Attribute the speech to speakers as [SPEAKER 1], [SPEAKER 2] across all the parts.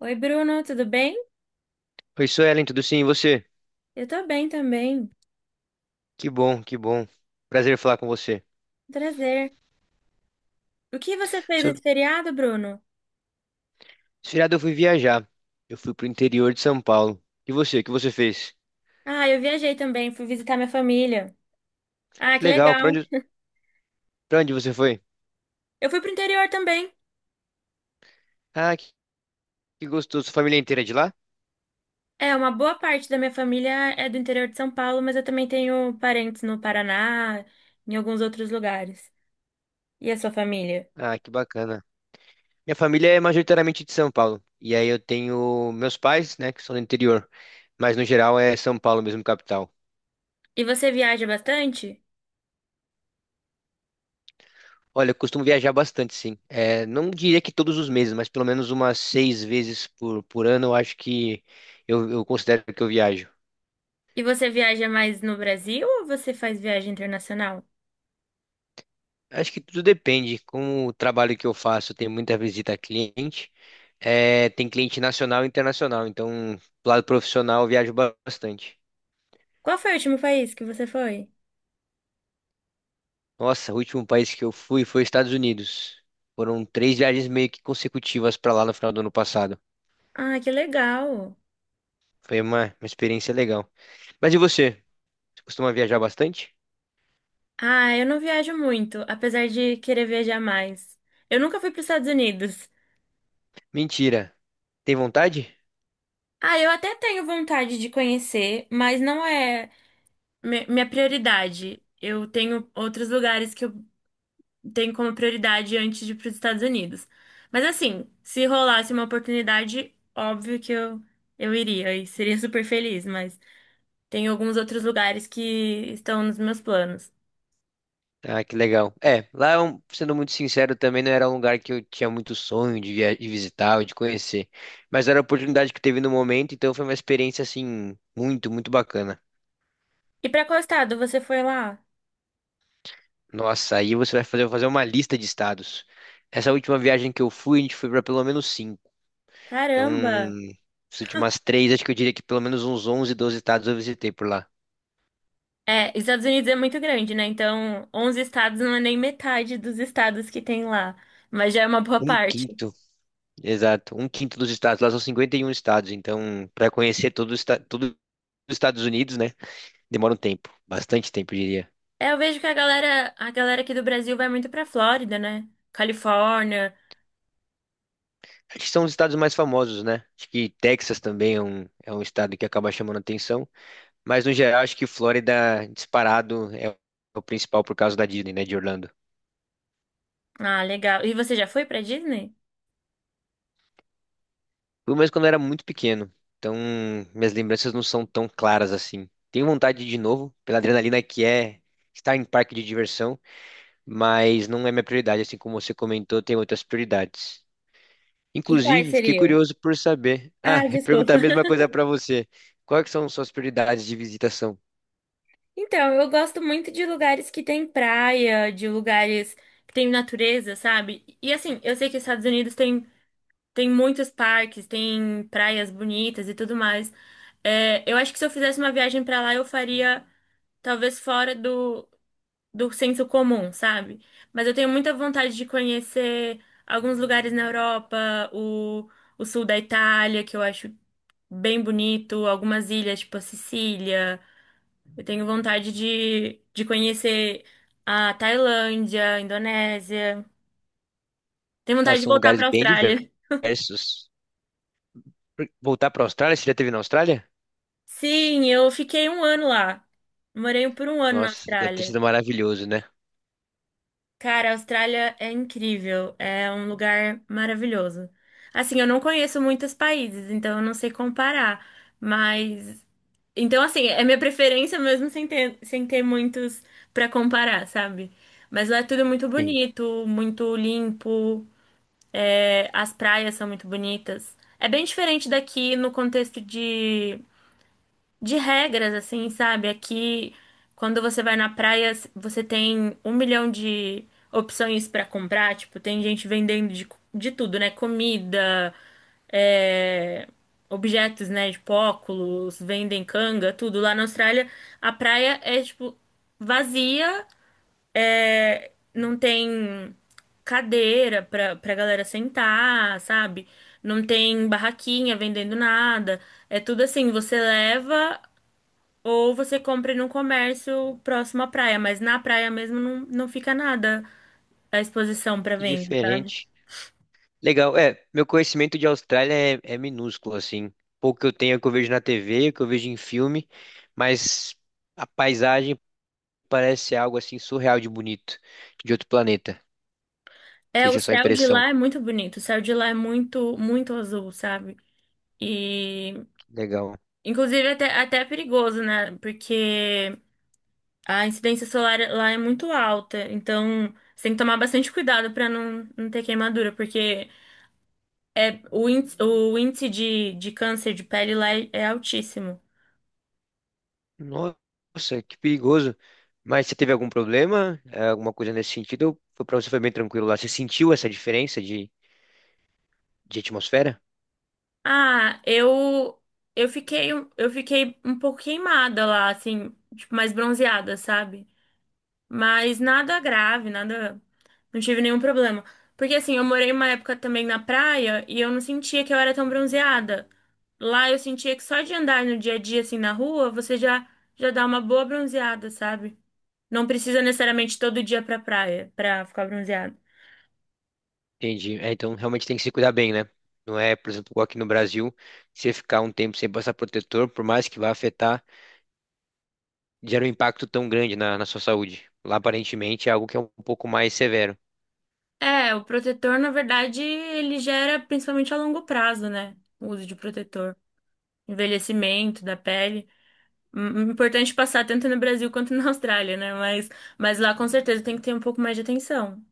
[SPEAKER 1] Oi, Bruno, tudo bem?
[SPEAKER 2] Oi, Suelen, tudo sim? E você?
[SPEAKER 1] Eu tô bem também.
[SPEAKER 2] Que bom, que bom. Prazer falar com você.
[SPEAKER 1] Prazer. O que você fez
[SPEAKER 2] Seu-
[SPEAKER 1] nesse feriado, Bruno?
[SPEAKER 2] Esse feriado eu fui viajar. Eu fui pro interior de São Paulo. E você? O que você fez?
[SPEAKER 1] Ah, eu viajei também, fui visitar minha família. Ah,
[SPEAKER 2] Que
[SPEAKER 1] que
[SPEAKER 2] legal. Pra
[SPEAKER 1] legal.
[SPEAKER 2] onde, pra onde você foi?
[SPEAKER 1] Eu fui pro interior também.
[SPEAKER 2] Ah, que gostoso. Sua família inteira é de lá?
[SPEAKER 1] É, uma boa parte da minha família é do interior de São Paulo, mas eu também tenho parentes no Paraná, em alguns outros lugares. E a sua família?
[SPEAKER 2] Ah, que bacana. Minha família é majoritariamente de São Paulo. E aí eu tenho meus pais, né, que são do interior. Mas no geral é São Paulo mesmo, capital.
[SPEAKER 1] E você viaja bastante?
[SPEAKER 2] Olha, eu costumo viajar bastante, sim. É, não diria que todos os meses, mas pelo menos umas seis vezes por ano, eu acho que eu considero que eu viajo.
[SPEAKER 1] E você viaja mais no Brasil ou você faz viagem internacional?
[SPEAKER 2] Acho que tudo depende. Com o trabalho que eu faço, tem muita visita a cliente. É, tem cliente nacional e internacional. Então, do lado profissional, eu viajo bastante.
[SPEAKER 1] Qual foi o último país que você foi?
[SPEAKER 2] Nossa, o último país que eu fui foi Estados Unidos. Foram três viagens meio que consecutivas para lá no final do ano passado.
[SPEAKER 1] Ah, que legal.
[SPEAKER 2] Foi uma experiência legal. Mas e você? Você costuma viajar bastante?
[SPEAKER 1] Ah, eu não viajo muito, apesar de querer viajar mais. Eu nunca fui para os Estados Unidos.
[SPEAKER 2] Mentira. Tem vontade?
[SPEAKER 1] Ah, eu até tenho vontade de conhecer, mas não é minha prioridade. Eu tenho outros lugares que eu tenho como prioridade antes de ir para os Estados Unidos. Mas assim, se rolasse uma oportunidade, óbvio que eu iria e seria super feliz, mas tem alguns outros lugares que estão nos meus planos.
[SPEAKER 2] Ah, que legal. É, lá, sendo muito sincero, também não era um lugar que eu tinha muito sonho de visitar ou de conhecer. Mas era a oportunidade que teve no momento, então foi uma experiência, assim, muito, muito bacana.
[SPEAKER 1] E para qual estado você foi lá?
[SPEAKER 2] Nossa, aí você vai fazer uma lista de estados. Essa última viagem que eu fui, a gente foi para pelo menos cinco. Então,
[SPEAKER 1] Caramba!
[SPEAKER 2] as últimas três, acho que eu diria que pelo menos uns 11, 12 estados eu visitei por lá.
[SPEAKER 1] É, Estados Unidos é muito grande, né? Então, 11 estados não é nem metade dos estados que tem lá, mas já é uma boa
[SPEAKER 2] Um
[SPEAKER 1] parte.
[SPEAKER 2] quinto, exato, um quinto dos estados. Lá são 51 estados, então, para conhecer todo, todo os Estados Unidos, né? Demora um tempo, bastante tempo, eu diria.
[SPEAKER 1] É, eu vejo que a galera aqui do Brasil vai muito pra Flórida, né? Califórnia.
[SPEAKER 2] Acho que são os estados mais famosos, né? Acho que Texas também é um estado que acaba chamando atenção, mas no geral acho que Flórida, disparado, é o principal por causa da Disney, né, de Orlando.
[SPEAKER 1] Ah, legal. E você já foi pra Disney?
[SPEAKER 2] Fui mais quando eu era muito pequeno, então minhas lembranças não são tão claras assim. Tenho vontade de ir de novo, pela adrenalina que é estar em parque de diversão, mas não é minha prioridade, assim como você comentou, tem outras prioridades.
[SPEAKER 1] E quais
[SPEAKER 2] Inclusive, fiquei
[SPEAKER 1] seriam?
[SPEAKER 2] curioso por saber. Ah,
[SPEAKER 1] Ah,
[SPEAKER 2] perguntar a
[SPEAKER 1] desculpa.
[SPEAKER 2] mesma coisa para você. Quais que são suas prioridades de visitação?
[SPEAKER 1] Então, eu gosto muito de lugares que tem praia, de lugares que tem natureza, sabe? E assim, eu sei que os Estados Unidos tem muitos parques, tem praias bonitas e tudo mais. É, eu acho que se eu fizesse uma viagem pra lá, eu faria talvez fora do senso comum, sabe? Mas eu tenho muita vontade de conhecer alguns lugares na Europa, o, o sul da Itália, que eu acho bem bonito, algumas ilhas, tipo a Sicília. Eu tenho vontade de conhecer a Tailândia, a Indonésia. Tenho
[SPEAKER 2] Ah,
[SPEAKER 1] vontade de
[SPEAKER 2] são
[SPEAKER 1] voltar
[SPEAKER 2] lugares
[SPEAKER 1] pra
[SPEAKER 2] bem
[SPEAKER 1] Austrália.
[SPEAKER 2] diversos. Por- Voltar para a Austrália? Você já esteve na Austrália?
[SPEAKER 1] Sim, eu fiquei um ano lá. Morei por um ano na
[SPEAKER 2] Nossa, deve ter
[SPEAKER 1] Austrália.
[SPEAKER 2] sido maravilhoso, né?
[SPEAKER 1] Cara, a Austrália é incrível, é um lugar maravilhoso. Assim, eu não conheço muitos países, então eu não sei comparar, mas então assim, é minha preferência mesmo sem ter muitos pra comparar, sabe? Mas lá é tudo muito
[SPEAKER 2] Sim.
[SPEAKER 1] bonito, muito limpo, é, as praias são muito bonitas. É bem diferente daqui no contexto de regras, assim, sabe? Aqui, quando você vai na praia, você tem um milhão de opções pra comprar. Tipo, tem gente vendendo de tudo, né? Comida, é, objetos, né? Tipo, óculos, vendem canga, tudo. Lá na Austrália, a praia é, tipo, vazia, é, não tem cadeira pra galera sentar, sabe? Não tem barraquinha vendendo nada. É tudo assim, você leva. Ou você compra num comércio próximo à praia, mas na praia mesmo não, não fica nada à exposição para
[SPEAKER 2] Que
[SPEAKER 1] venda, sabe?
[SPEAKER 2] diferente. Legal. É, meu conhecimento de Austrália é minúsculo, assim. Pouco que eu tenho é o que eu vejo na TV, o que eu vejo em filme, mas a paisagem parece algo assim surreal de bonito, de outro planeta. Não
[SPEAKER 1] É,
[SPEAKER 2] sei
[SPEAKER 1] o
[SPEAKER 2] se é só
[SPEAKER 1] céu de
[SPEAKER 2] impressão.
[SPEAKER 1] lá é muito bonito, o céu de lá é muito, muito azul, sabe? E,
[SPEAKER 2] Legal.
[SPEAKER 1] inclusive, até é perigoso, né? Porque a incidência solar lá é muito alta, então você tem que tomar bastante cuidado para não, não ter queimadura, porque é, o índice de câncer de pele lá é altíssimo.
[SPEAKER 2] Nossa, que perigoso. Mas você teve algum problema? Alguma coisa nesse sentido? Ou foi, para você foi bem tranquilo lá. Você sentiu essa diferença de atmosfera?
[SPEAKER 1] Ah, eu fiquei um pouco queimada lá, assim, tipo, mais bronzeada, sabe? Mas nada grave, nada, não tive nenhum problema. Porque assim, eu morei uma época também na praia e eu não sentia que eu era tão bronzeada. Lá eu sentia que só de andar no dia a dia assim na rua, você já dá uma boa bronzeada, sabe? Não precisa necessariamente todo dia pra praia pra ficar bronzeada.
[SPEAKER 2] Entendi. É, então realmente tem que se cuidar bem, né? Não é, por exemplo, igual aqui no Brasil, você ficar um tempo sem passar protetor, por mais que vá afetar, gera um impacto tão grande na sua saúde. Lá aparentemente é algo que é um pouco mais severo.
[SPEAKER 1] É, o protetor, na verdade, ele gera principalmente a longo prazo, né? O uso de protetor, envelhecimento da pele. Importante passar tanto no Brasil quanto na Austrália, né? Mas lá com certeza tem que ter um pouco mais de atenção.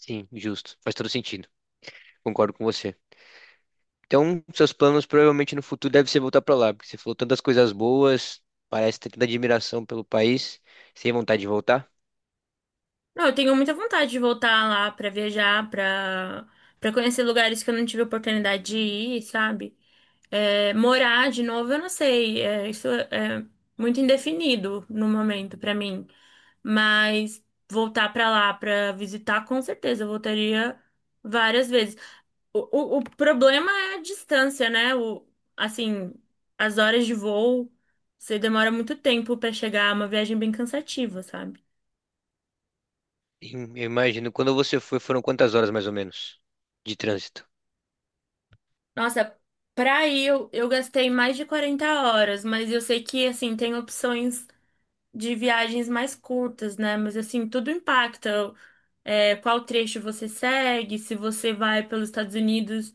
[SPEAKER 2] Sim, justo. Faz todo sentido. Concordo com você. Então, seus planos provavelmente no futuro devem ser voltar para lá, porque você falou tantas coisas boas, parece ter tanta admiração pelo país, sem vontade de voltar.
[SPEAKER 1] Não, eu tenho muita vontade de voltar lá pra viajar, pra para conhecer lugares que eu não tive oportunidade de ir, sabe? É, morar de novo, eu não sei. É, isso é muito indefinido no momento pra mim. Mas voltar pra lá pra visitar, com certeza, eu voltaria várias vezes. O, o problema é a distância, né? Assim, as horas de voo, você demora muito tempo pra chegar, é uma viagem bem cansativa, sabe?
[SPEAKER 2] E eu imagino, quando você foi, foram quantas horas mais ou menos de trânsito?
[SPEAKER 1] Nossa, pra ir eu gastei mais de 40 horas, mas eu sei que, assim, tem opções de viagens mais curtas, né? Mas, assim, tudo impacta. É, qual trecho você segue, se você vai pelos Estados Unidos,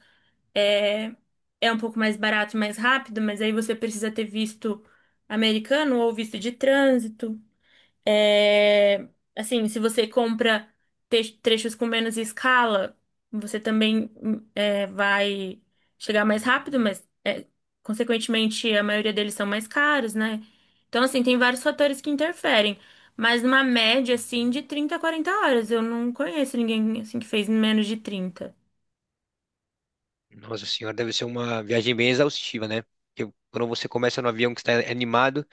[SPEAKER 1] é, é, um pouco mais barato, e mais rápido, mas aí você precisa ter visto americano ou visto de trânsito. É, assim, se você compra trechos com menos escala, você também é, vai chegar mais rápido, mas é, consequentemente a maioria deles são mais caros, né? Então, assim, tem vários fatores que interferem, mas numa média, assim, de 30 a 40 horas. Eu não conheço ninguém, assim, que fez em menos de 30.
[SPEAKER 2] Nossa senhora, deve ser uma viagem bem exaustiva, né? Porque quando você começa no avião que está animado,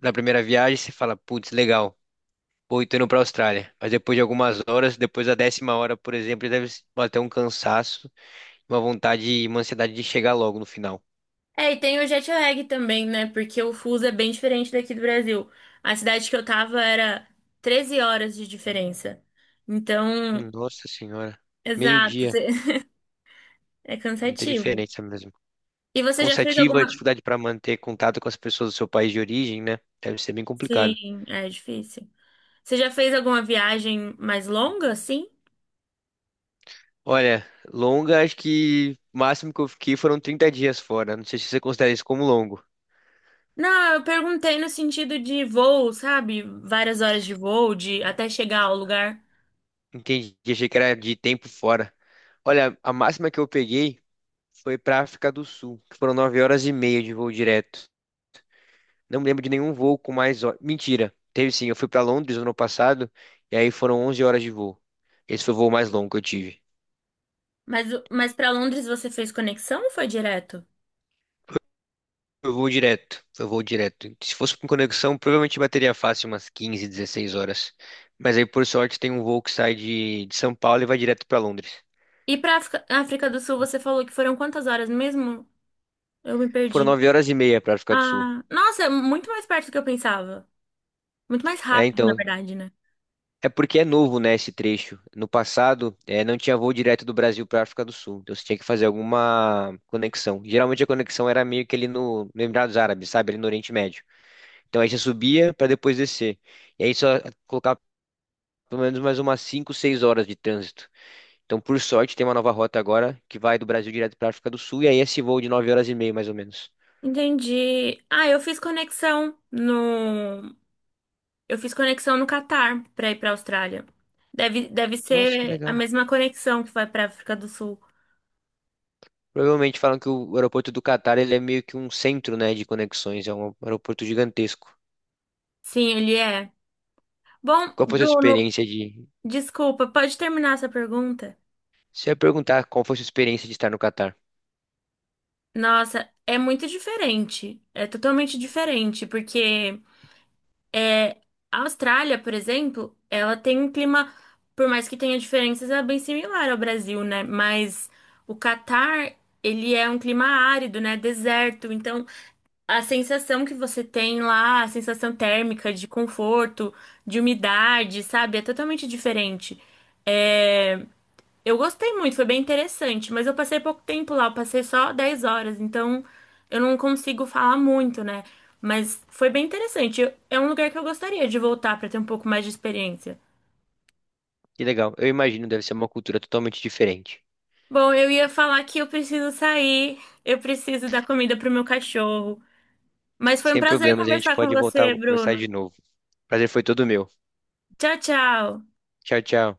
[SPEAKER 2] na primeira viagem você fala, putz, legal, vou tô indo para a Austrália. Mas depois de algumas horas, depois da 10ª hora, por exemplo, deve bater um cansaço, uma vontade e uma ansiedade de chegar logo no final.
[SPEAKER 1] É, e tem o jet lag também, né? Porque o fuso é bem diferente daqui do Brasil. A cidade que eu tava era 13 horas de diferença. Então,
[SPEAKER 2] Nossa senhora.
[SPEAKER 1] exato,
[SPEAKER 2] Meio-dia.
[SPEAKER 1] é
[SPEAKER 2] Muita
[SPEAKER 1] cansativo.
[SPEAKER 2] diferença mesmo.
[SPEAKER 1] E você já fez
[SPEAKER 2] Cansativa,
[SPEAKER 1] alguma?
[SPEAKER 2] dificuldade para manter contato com as pessoas do seu país de origem, né? Deve ser bem complicado.
[SPEAKER 1] Sim, é difícil. Você já fez alguma viagem mais longa, assim?
[SPEAKER 2] Olha, longa, acho que o máximo que eu fiquei foram 30 dias fora. Não sei se você considera isso como longo.
[SPEAKER 1] Não, eu perguntei no sentido de voo, sabe? Várias horas de voo, de até chegar ao lugar.
[SPEAKER 2] Entendi, achei que era de tempo fora. Olha, a máxima que eu peguei foi para África do Sul, que foram 9 horas e meia de voo direto. Não me lembro de nenhum voo com mais horas. Mentira. Teve sim, eu fui para Londres no ano passado e aí foram 11 horas de voo. Esse foi o voo mais longo que eu tive.
[SPEAKER 1] Mas para Londres você fez conexão ou foi direto?
[SPEAKER 2] Foi voo direto, foi voo direto. Se fosse com conexão, provavelmente bateria fácil umas 15, 16 horas. Mas aí, por sorte, tem um voo que sai de São Paulo e vai direto para Londres.
[SPEAKER 1] E para África do Sul você falou que foram quantas horas mesmo? Eu me
[SPEAKER 2] Foram
[SPEAKER 1] perdi.
[SPEAKER 2] 9 horas e meia para África do Sul.
[SPEAKER 1] Ah, nossa, é muito mais perto do que eu pensava. Muito mais
[SPEAKER 2] É,
[SPEAKER 1] rápido, na
[SPEAKER 2] então,
[SPEAKER 1] verdade, né?
[SPEAKER 2] é porque é novo, né, esse trecho. No passado, não tinha voo direto do Brasil para a África do Sul. Então você tinha que fazer alguma conexão. Geralmente a conexão era meio que ali no Emirados Árabes, sabe? Ali no Oriente Médio. Então aí você subia para depois descer. E aí só colocava pelo menos mais umas 5, 6 horas de trânsito. Então, por sorte, tem uma nova rota agora que vai do Brasil direto para a África do Sul. E aí esse voo de 9 horas e meia, mais ou menos.
[SPEAKER 1] Entendi. Eu fiz conexão no Catar pra ir pra Austrália. Deve
[SPEAKER 2] Nossa, que
[SPEAKER 1] ser a
[SPEAKER 2] legal.
[SPEAKER 1] mesma conexão que vai pra África do Sul.
[SPEAKER 2] Provavelmente falam que o aeroporto do Catar ele é meio que um centro, né, de conexões. É um aeroporto gigantesco.
[SPEAKER 1] Sim, ele é. Bom,
[SPEAKER 2] Qual foi a sua
[SPEAKER 1] Bruno,
[SPEAKER 2] experiência de.
[SPEAKER 1] desculpa, pode terminar essa pergunta?
[SPEAKER 2] Se eu perguntar qual foi a sua experiência de estar no Catar.
[SPEAKER 1] Nossa, é muito diferente. É totalmente diferente, porque a Austrália, por exemplo, ela tem um clima, por mais que tenha diferenças, é bem similar ao Brasil, né? Mas o Catar, ele é um clima árido, né? Deserto. Então, a sensação que você tem lá, a sensação térmica de conforto, de umidade, sabe? É totalmente diferente. É, eu gostei muito, foi bem interessante, mas eu passei pouco tempo lá, eu passei só 10 horas, então eu não consigo falar muito, né? Mas foi bem interessante. É um lugar que eu gostaria de voltar para ter um pouco mais de experiência.
[SPEAKER 2] Que legal. Eu imagino, deve ser uma cultura totalmente diferente.
[SPEAKER 1] Bom, eu ia falar que eu preciso sair, eu preciso dar comida pro meu cachorro. Mas foi um
[SPEAKER 2] Sem
[SPEAKER 1] prazer
[SPEAKER 2] problemas, a gente
[SPEAKER 1] conversar com
[SPEAKER 2] pode voltar a
[SPEAKER 1] você,
[SPEAKER 2] conversar de
[SPEAKER 1] Bruno.
[SPEAKER 2] novo. Prazer foi todo meu.
[SPEAKER 1] Tchau, tchau.
[SPEAKER 2] Tchau, tchau.